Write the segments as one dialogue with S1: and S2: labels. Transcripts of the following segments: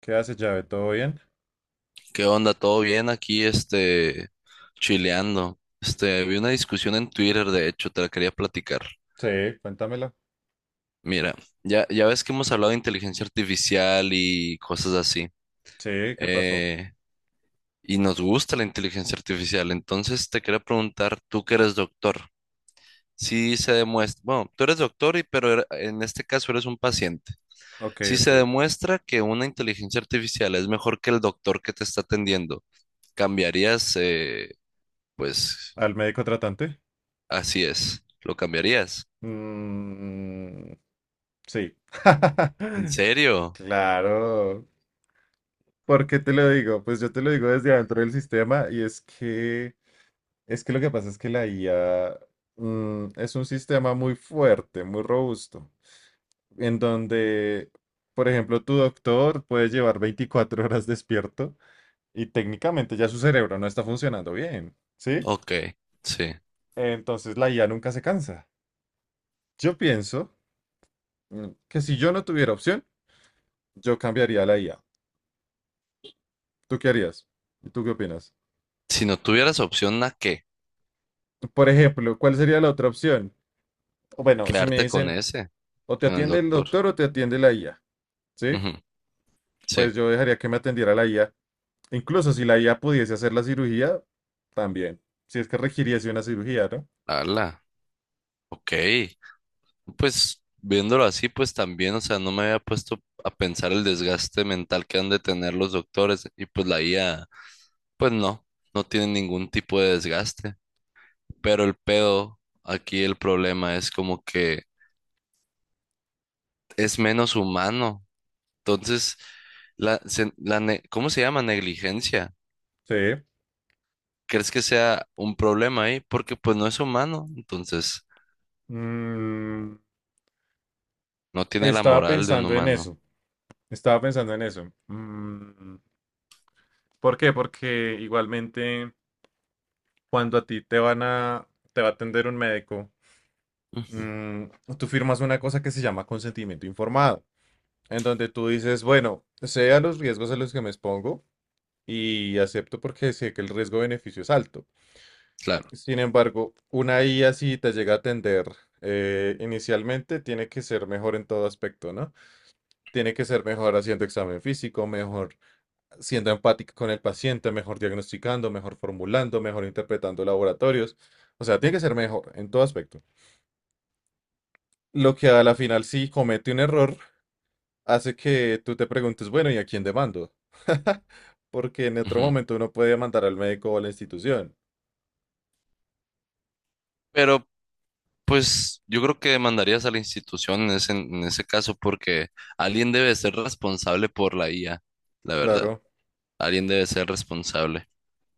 S1: ¿Qué haces, llave? ¿Todo bien?
S2: ¿Qué onda? ¿Todo bien aquí, chileando? Vi una discusión en Twitter, de hecho, te la quería platicar.
S1: Sí, cuéntamelo.
S2: Mira, ya ves que hemos hablado de inteligencia artificial y cosas así.
S1: Sí, ¿qué pasó?
S2: eh, y nos gusta la inteligencia artificial. Entonces, te quería preguntar, tú que eres doctor, si se demuestra, bueno, tú eres doctor, pero en este caso eres un paciente.
S1: Ok,
S2: Si
S1: ok.
S2: se demuestra que una inteligencia artificial es mejor que el doctor que te está atendiendo, ¿cambiarías, pues?
S1: ¿Al médico tratante?
S2: Así es. ¿Lo cambiarías?
S1: Mm, sí.
S2: ¿En serio?
S1: Claro. ¿Por qué te lo digo? Pues yo te lo digo desde adentro del sistema y es que lo que pasa es que la IA es un sistema muy fuerte, muy robusto, en donde, por ejemplo, tu doctor puede llevar 24 horas despierto y técnicamente ya su cerebro no está funcionando bien, ¿sí?
S2: Ok, sí.
S1: Entonces la IA nunca se cansa. Yo pienso que si yo no tuviera opción, yo cambiaría la IA. ¿Tú qué harías? ¿Y tú qué opinas?
S2: Si no tuvieras opción, ¿a qué?
S1: Por ejemplo, ¿cuál sería la otra opción? O bueno, si me
S2: Quedarte con
S1: dicen
S2: ese,
S1: o te
S2: con el
S1: atiende el
S2: doctor.
S1: doctor o te atiende la IA, ¿sí?
S2: Ujú. Sí.
S1: Pues yo dejaría que me atendiera la IA. Incluso si la IA pudiese hacer la cirugía, también. Si es que requiriese una cirugía, ¿no?
S2: Ala. Ok. Pues viéndolo así, pues también, o sea, no me había puesto a pensar el desgaste mental que han de tener los doctores, y pues la IA, pues no, no tiene ningún tipo de desgaste. Pero el pedo, aquí el problema es como que es menos humano. Entonces, la, se- la ne- ¿cómo se llama? Negligencia.
S1: Sí.
S2: ¿Crees que sea un problema ahí? Porque pues no es humano, entonces
S1: Mm,
S2: no tiene la
S1: Estaba
S2: moral de un
S1: pensando en
S2: humano.
S1: eso. Estaba pensando en eso. ¿Por qué? Porque igualmente cuando a ti te va a atender un médico,
S2: Ujú,
S1: mm, tú firmas una cosa que se llama consentimiento informado, en donde tú dices, bueno, sé a los riesgos a los que me expongo y acepto porque sé que el riesgo-beneficio es alto.
S2: claro.
S1: Sin embargo, una IA si te llega a atender inicialmente, tiene que ser mejor en todo aspecto, ¿no? Tiene que ser mejor haciendo examen físico, mejor siendo empática con el paciente, mejor diagnosticando, mejor formulando, mejor interpretando laboratorios. O sea, tiene que ser mejor en todo aspecto. Lo que a la final, si comete un error, hace que tú te preguntes, bueno, ¿y a quién demando? Porque en otro
S2: Ujú.
S1: momento uno puede mandar al médico o a la institución.
S2: Pero pues yo creo que demandarías a la institución en ese caso porque alguien debe ser responsable por la IA, la verdad.
S1: Claro,
S2: Alguien debe ser responsable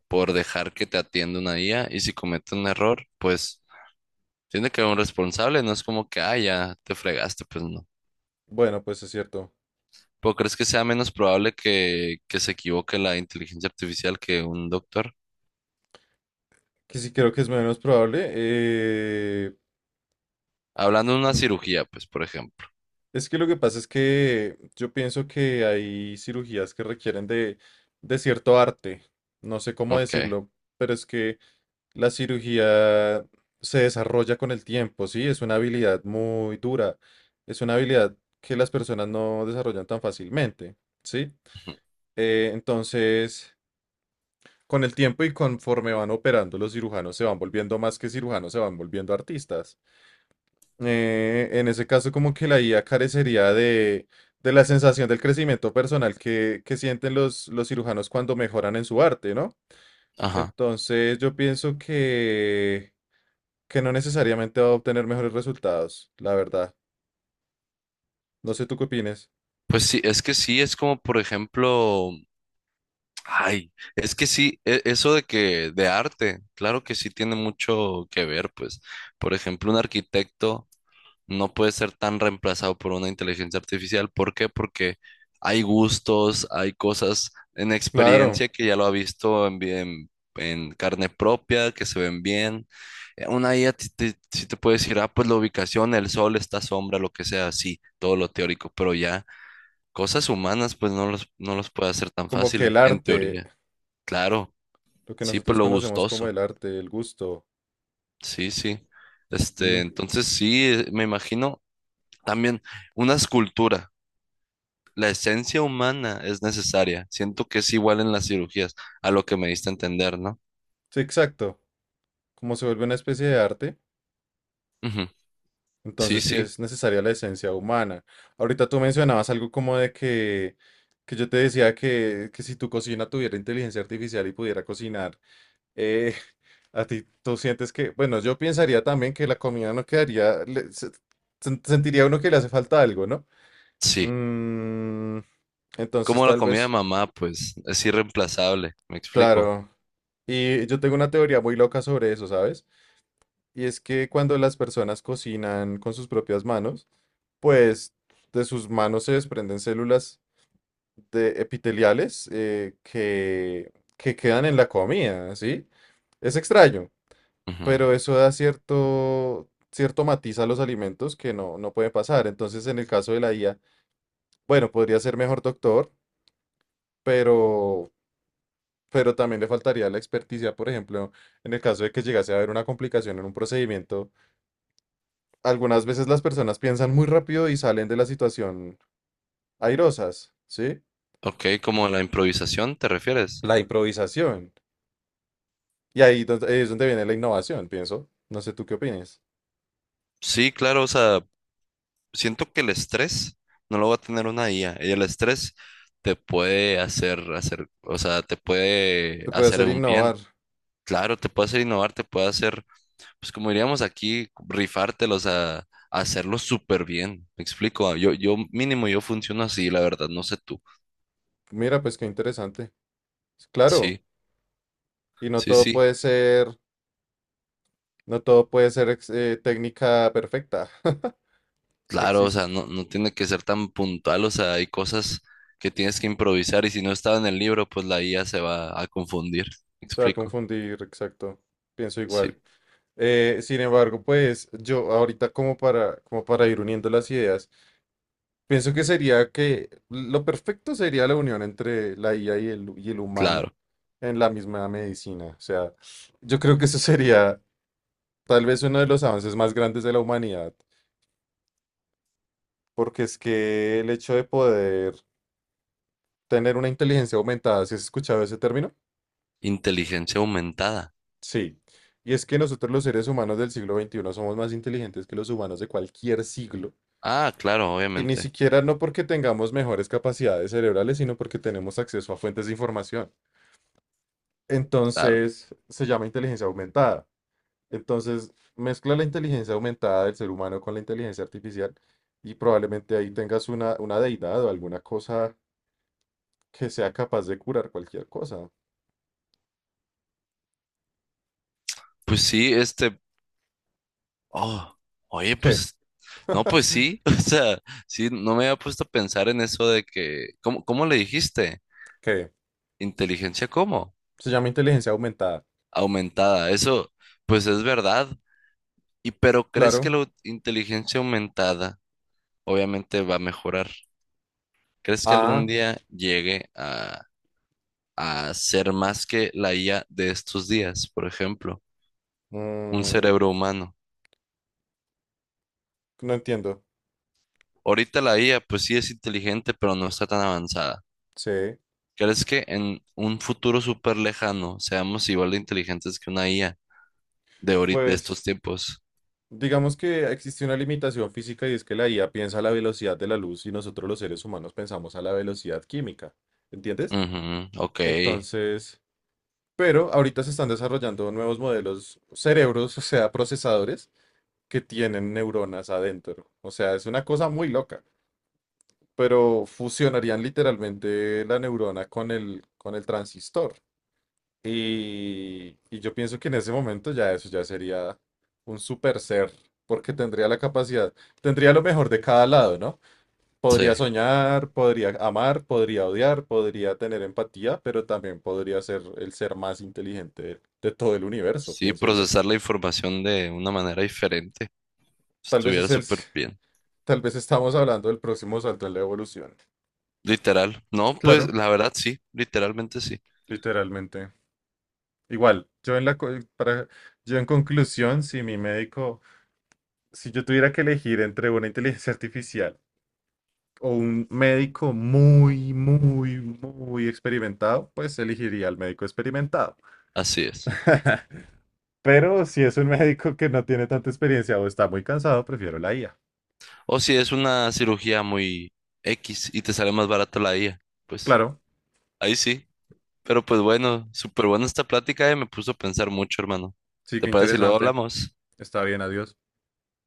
S2: por dejar que te atienda una IA y si comete un error, pues tiene que haber un responsable, no es como que, ah, ya te fregaste, pues no.
S1: bueno, pues es cierto.
S2: ¿Pero crees que sea menos probable que se equivoque la inteligencia artificial que un doctor?
S1: Que sí creo que es menos probable.
S2: Hablando de una cirugía, pues, por ejemplo.
S1: Es que lo que pasa es que yo pienso que hay cirugías que requieren de cierto arte. No sé cómo
S2: Ok.
S1: decirlo, pero es que la cirugía se desarrolla con el tiempo, ¿sí? Es una habilidad muy dura. Es una habilidad que las personas no desarrollan tan fácilmente, ¿sí?
S2: Ujú.
S1: Entonces, con el tiempo y conforme van operando los cirujanos se van volviendo más que cirujanos, se van volviendo artistas. En ese caso, como que la IA carecería de la sensación del crecimiento personal que sienten los cirujanos cuando mejoran en su arte, ¿no?
S2: Ajá.
S1: Entonces, yo pienso que no necesariamente va a obtener mejores resultados, la verdad. No sé tú qué opines.
S2: Pues sí, es que sí, es como, por ejemplo, ay, es que sí, eso de que, de arte, claro que sí tiene mucho que ver, pues. Por ejemplo, un arquitecto no puede ser tan reemplazado por una inteligencia artificial. ¿Por qué? Porque hay gustos, hay cosas en
S1: Claro,
S2: experiencia que ya lo ha visto en carne propia, que se ven bien. Una IA sí te puede decir, ah, pues la ubicación, el sol, esta sombra, lo que sea, sí, todo lo teórico, pero ya cosas humanas, pues no los puede hacer tan
S1: como que el
S2: fácil, en
S1: arte,
S2: teoría. Claro,
S1: lo que
S2: sí, pues
S1: nosotros
S2: lo
S1: conocemos como
S2: gustoso,
S1: el arte, el gusto.
S2: sí, sí.
S1: Mm,
S2: Entonces sí, me imagino también una escultura. La esencia humana es necesaria. Siento que es igual en las cirugías, a lo que me diste a entender, ¿no?
S1: sí, exacto. Como se vuelve una especie de arte.
S2: Ujú. Sí,
S1: Entonces sí
S2: sí,
S1: es necesaria la esencia humana. Ahorita tú mencionabas algo como de que yo te decía que si tu cocina tuviera inteligencia artificial y pudiera cocinar, eh, a ti tú sientes que, bueno, yo pensaría también que la comida no quedaría, sentiría uno que le hace falta algo, ¿no?
S2: sí.
S1: Mm, entonces
S2: Como la
S1: tal
S2: comida de
S1: vez,
S2: mamá, pues es irreemplazable, me explico.
S1: claro. Y yo tengo una teoría muy loca sobre eso, ¿sabes? Y es que cuando las personas cocinan con sus propias manos, pues de sus manos se desprenden células de epiteliales que quedan en la comida, ¿sí? Es extraño,
S2: Ujú.
S1: pero eso da cierto matiz a los alimentos que no, no puede pasar. Entonces, en el caso de la IA, bueno, podría ser mejor doctor, pero, pero también le faltaría la experticia, por ejemplo, en el caso de que llegase a haber una complicación en un procedimiento. Algunas veces las personas piensan muy rápido y salen de la situación airosas, ¿sí?
S2: Ok, como la improvisación, ¿te refieres?
S1: La improvisación. Y ahí es donde viene la innovación, pienso. No sé tú qué opinas.
S2: Sí, claro, o sea, siento que el estrés no lo va a tener una IA. Y el estrés te puede hacer, o sea, te puede
S1: Se puede
S2: hacer
S1: hacer
S2: un bien.
S1: innovar.
S2: Claro, te puede hacer innovar, te puede hacer pues como diríamos aquí, rifártelos a hacerlo súper bien. Me explico, ah, yo mínimo yo funciono así, la verdad, no sé tú.
S1: Mira, pues qué interesante. Claro,
S2: Sí,
S1: y
S2: sí, sí.
S1: no todo puede ser técnica perfecta.
S2: Claro, o sea,
S1: Existe.
S2: no, no tiene que ser tan puntual, o sea, hay cosas que tienes que improvisar y si no estaba en el libro, pues la IA se va a confundir. Me
S1: Se va a
S2: explico.
S1: confundir, exacto. Pienso
S2: Sí,
S1: igual. Sin embargo, pues yo ahorita como para ir uniendo las ideas, pienso que sería que lo perfecto sería la unión entre la IA y el humano
S2: claro.
S1: en la misma medicina. O sea, yo creo que eso sería tal vez uno de los avances más grandes de la humanidad, porque es que el hecho de poder tener una inteligencia aumentada, ¿sí has escuchado ese término?
S2: Inteligencia aumentada.
S1: Sí. Y es que nosotros los seres humanos del siglo XXI somos más inteligentes que los humanos de cualquier siglo.
S2: Ah, claro,
S1: Y ni
S2: obviamente.
S1: siquiera no porque tengamos mejores capacidades cerebrales, sino porque tenemos acceso a fuentes de información.
S2: Claro.
S1: Entonces, se llama inteligencia aumentada. Entonces, mezcla la inteligencia aumentada del ser humano con la inteligencia artificial y probablemente ahí tengas una deidad o alguna cosa que sea capaz de curar cualquier cosa.
S2: Pues sí, oh, oye,
S1: ¿Qué?
S2: pues, no, pues sí, o sea, sí, no me había puesto a pensar en eso de que, ¿cómo le dijiste?
S1: ¿Qué?
S2: ¿Inteligencia cómo?
S1: Se llama inteligencia aumentada.
S2: Aumentada, eso, pues es verdad. Y pero ¿crees que
S1: Claro.
S2: la inteligencia aumentada obviamente va a mejorar? ¿Crees que
S1: Ah,
S2: algún día llegue a ser más que la IA de estos días, por ejemplo, un
S1: mm,
S2: cerebro humano?
S1: no entiendo.
S2: Ahorita la IA, pues sí es inteligente, pero no está tan avanzada.
S1: Sí.
S2: ¿Crees que en un futuro súper lejano seamos igual de inteligentes que una IA de ahorita, de
S1: Pues
S2: estos tiempos?
S1: digamos que existe una limitación física y es que la IA piensa a la velocidad de la luz y nosotros los seres humanos pensamos a la velocidad química. ¿Entiendes?
S2: Ujú, ok,
S1: Entonces, pero ahorita se están desarrollando nuevos modelos cerebros, o sea, procesadores que tienen neuronas adentro. O sea, es una cosa muy loca. Pero fusionarían literalmente la neurona con el transistor. Y yo pienso que en ese momento ya eso ya sería un super ser, porque tendría la capacidad, tendría lo mejor de cada lado, ¿no?
S2: sí.
S1: Podría soñar, podría amar, podría odiar, podría tener empatía, pero también podría ser el ser más inteligente de todo el universo,
S2: Sí,
S1: pienso yo.
S2: procesar la información de una manera diferente.
S1: Tal vez
S2: Estuviera
S1: es el,
S2: súper bien.
S1: tal vez estamos hablando del próximo salto en la evolución.
S2: Literal. No, pues
S1: Claro,
S2: la verdad sí, literalmente sí.
S1: literalmente. Igual, yo en la, co- para, yo en conclusión, si yo tuviera que elegir entre una inteligencia artificial o un médico muy, muy, muy experimentado, pues elegiría al médico experimentado.
S2: Así es.
S1: Pero si es un médico que no tiene tanta experiencia o está muy cansado, prefiero la IA.
S2: O si es una cirugía muy X y te sale más barato la IA, pues
S1: Claro,
S2: ahí sí. Pero pues bueno, súper buena esta plática y me puso a pensar mucho, hermano.
S1: sí que
S2: ¿Te parece si luego
S1: interesante.
S2: hablamos?
S1: Está bien, adiós.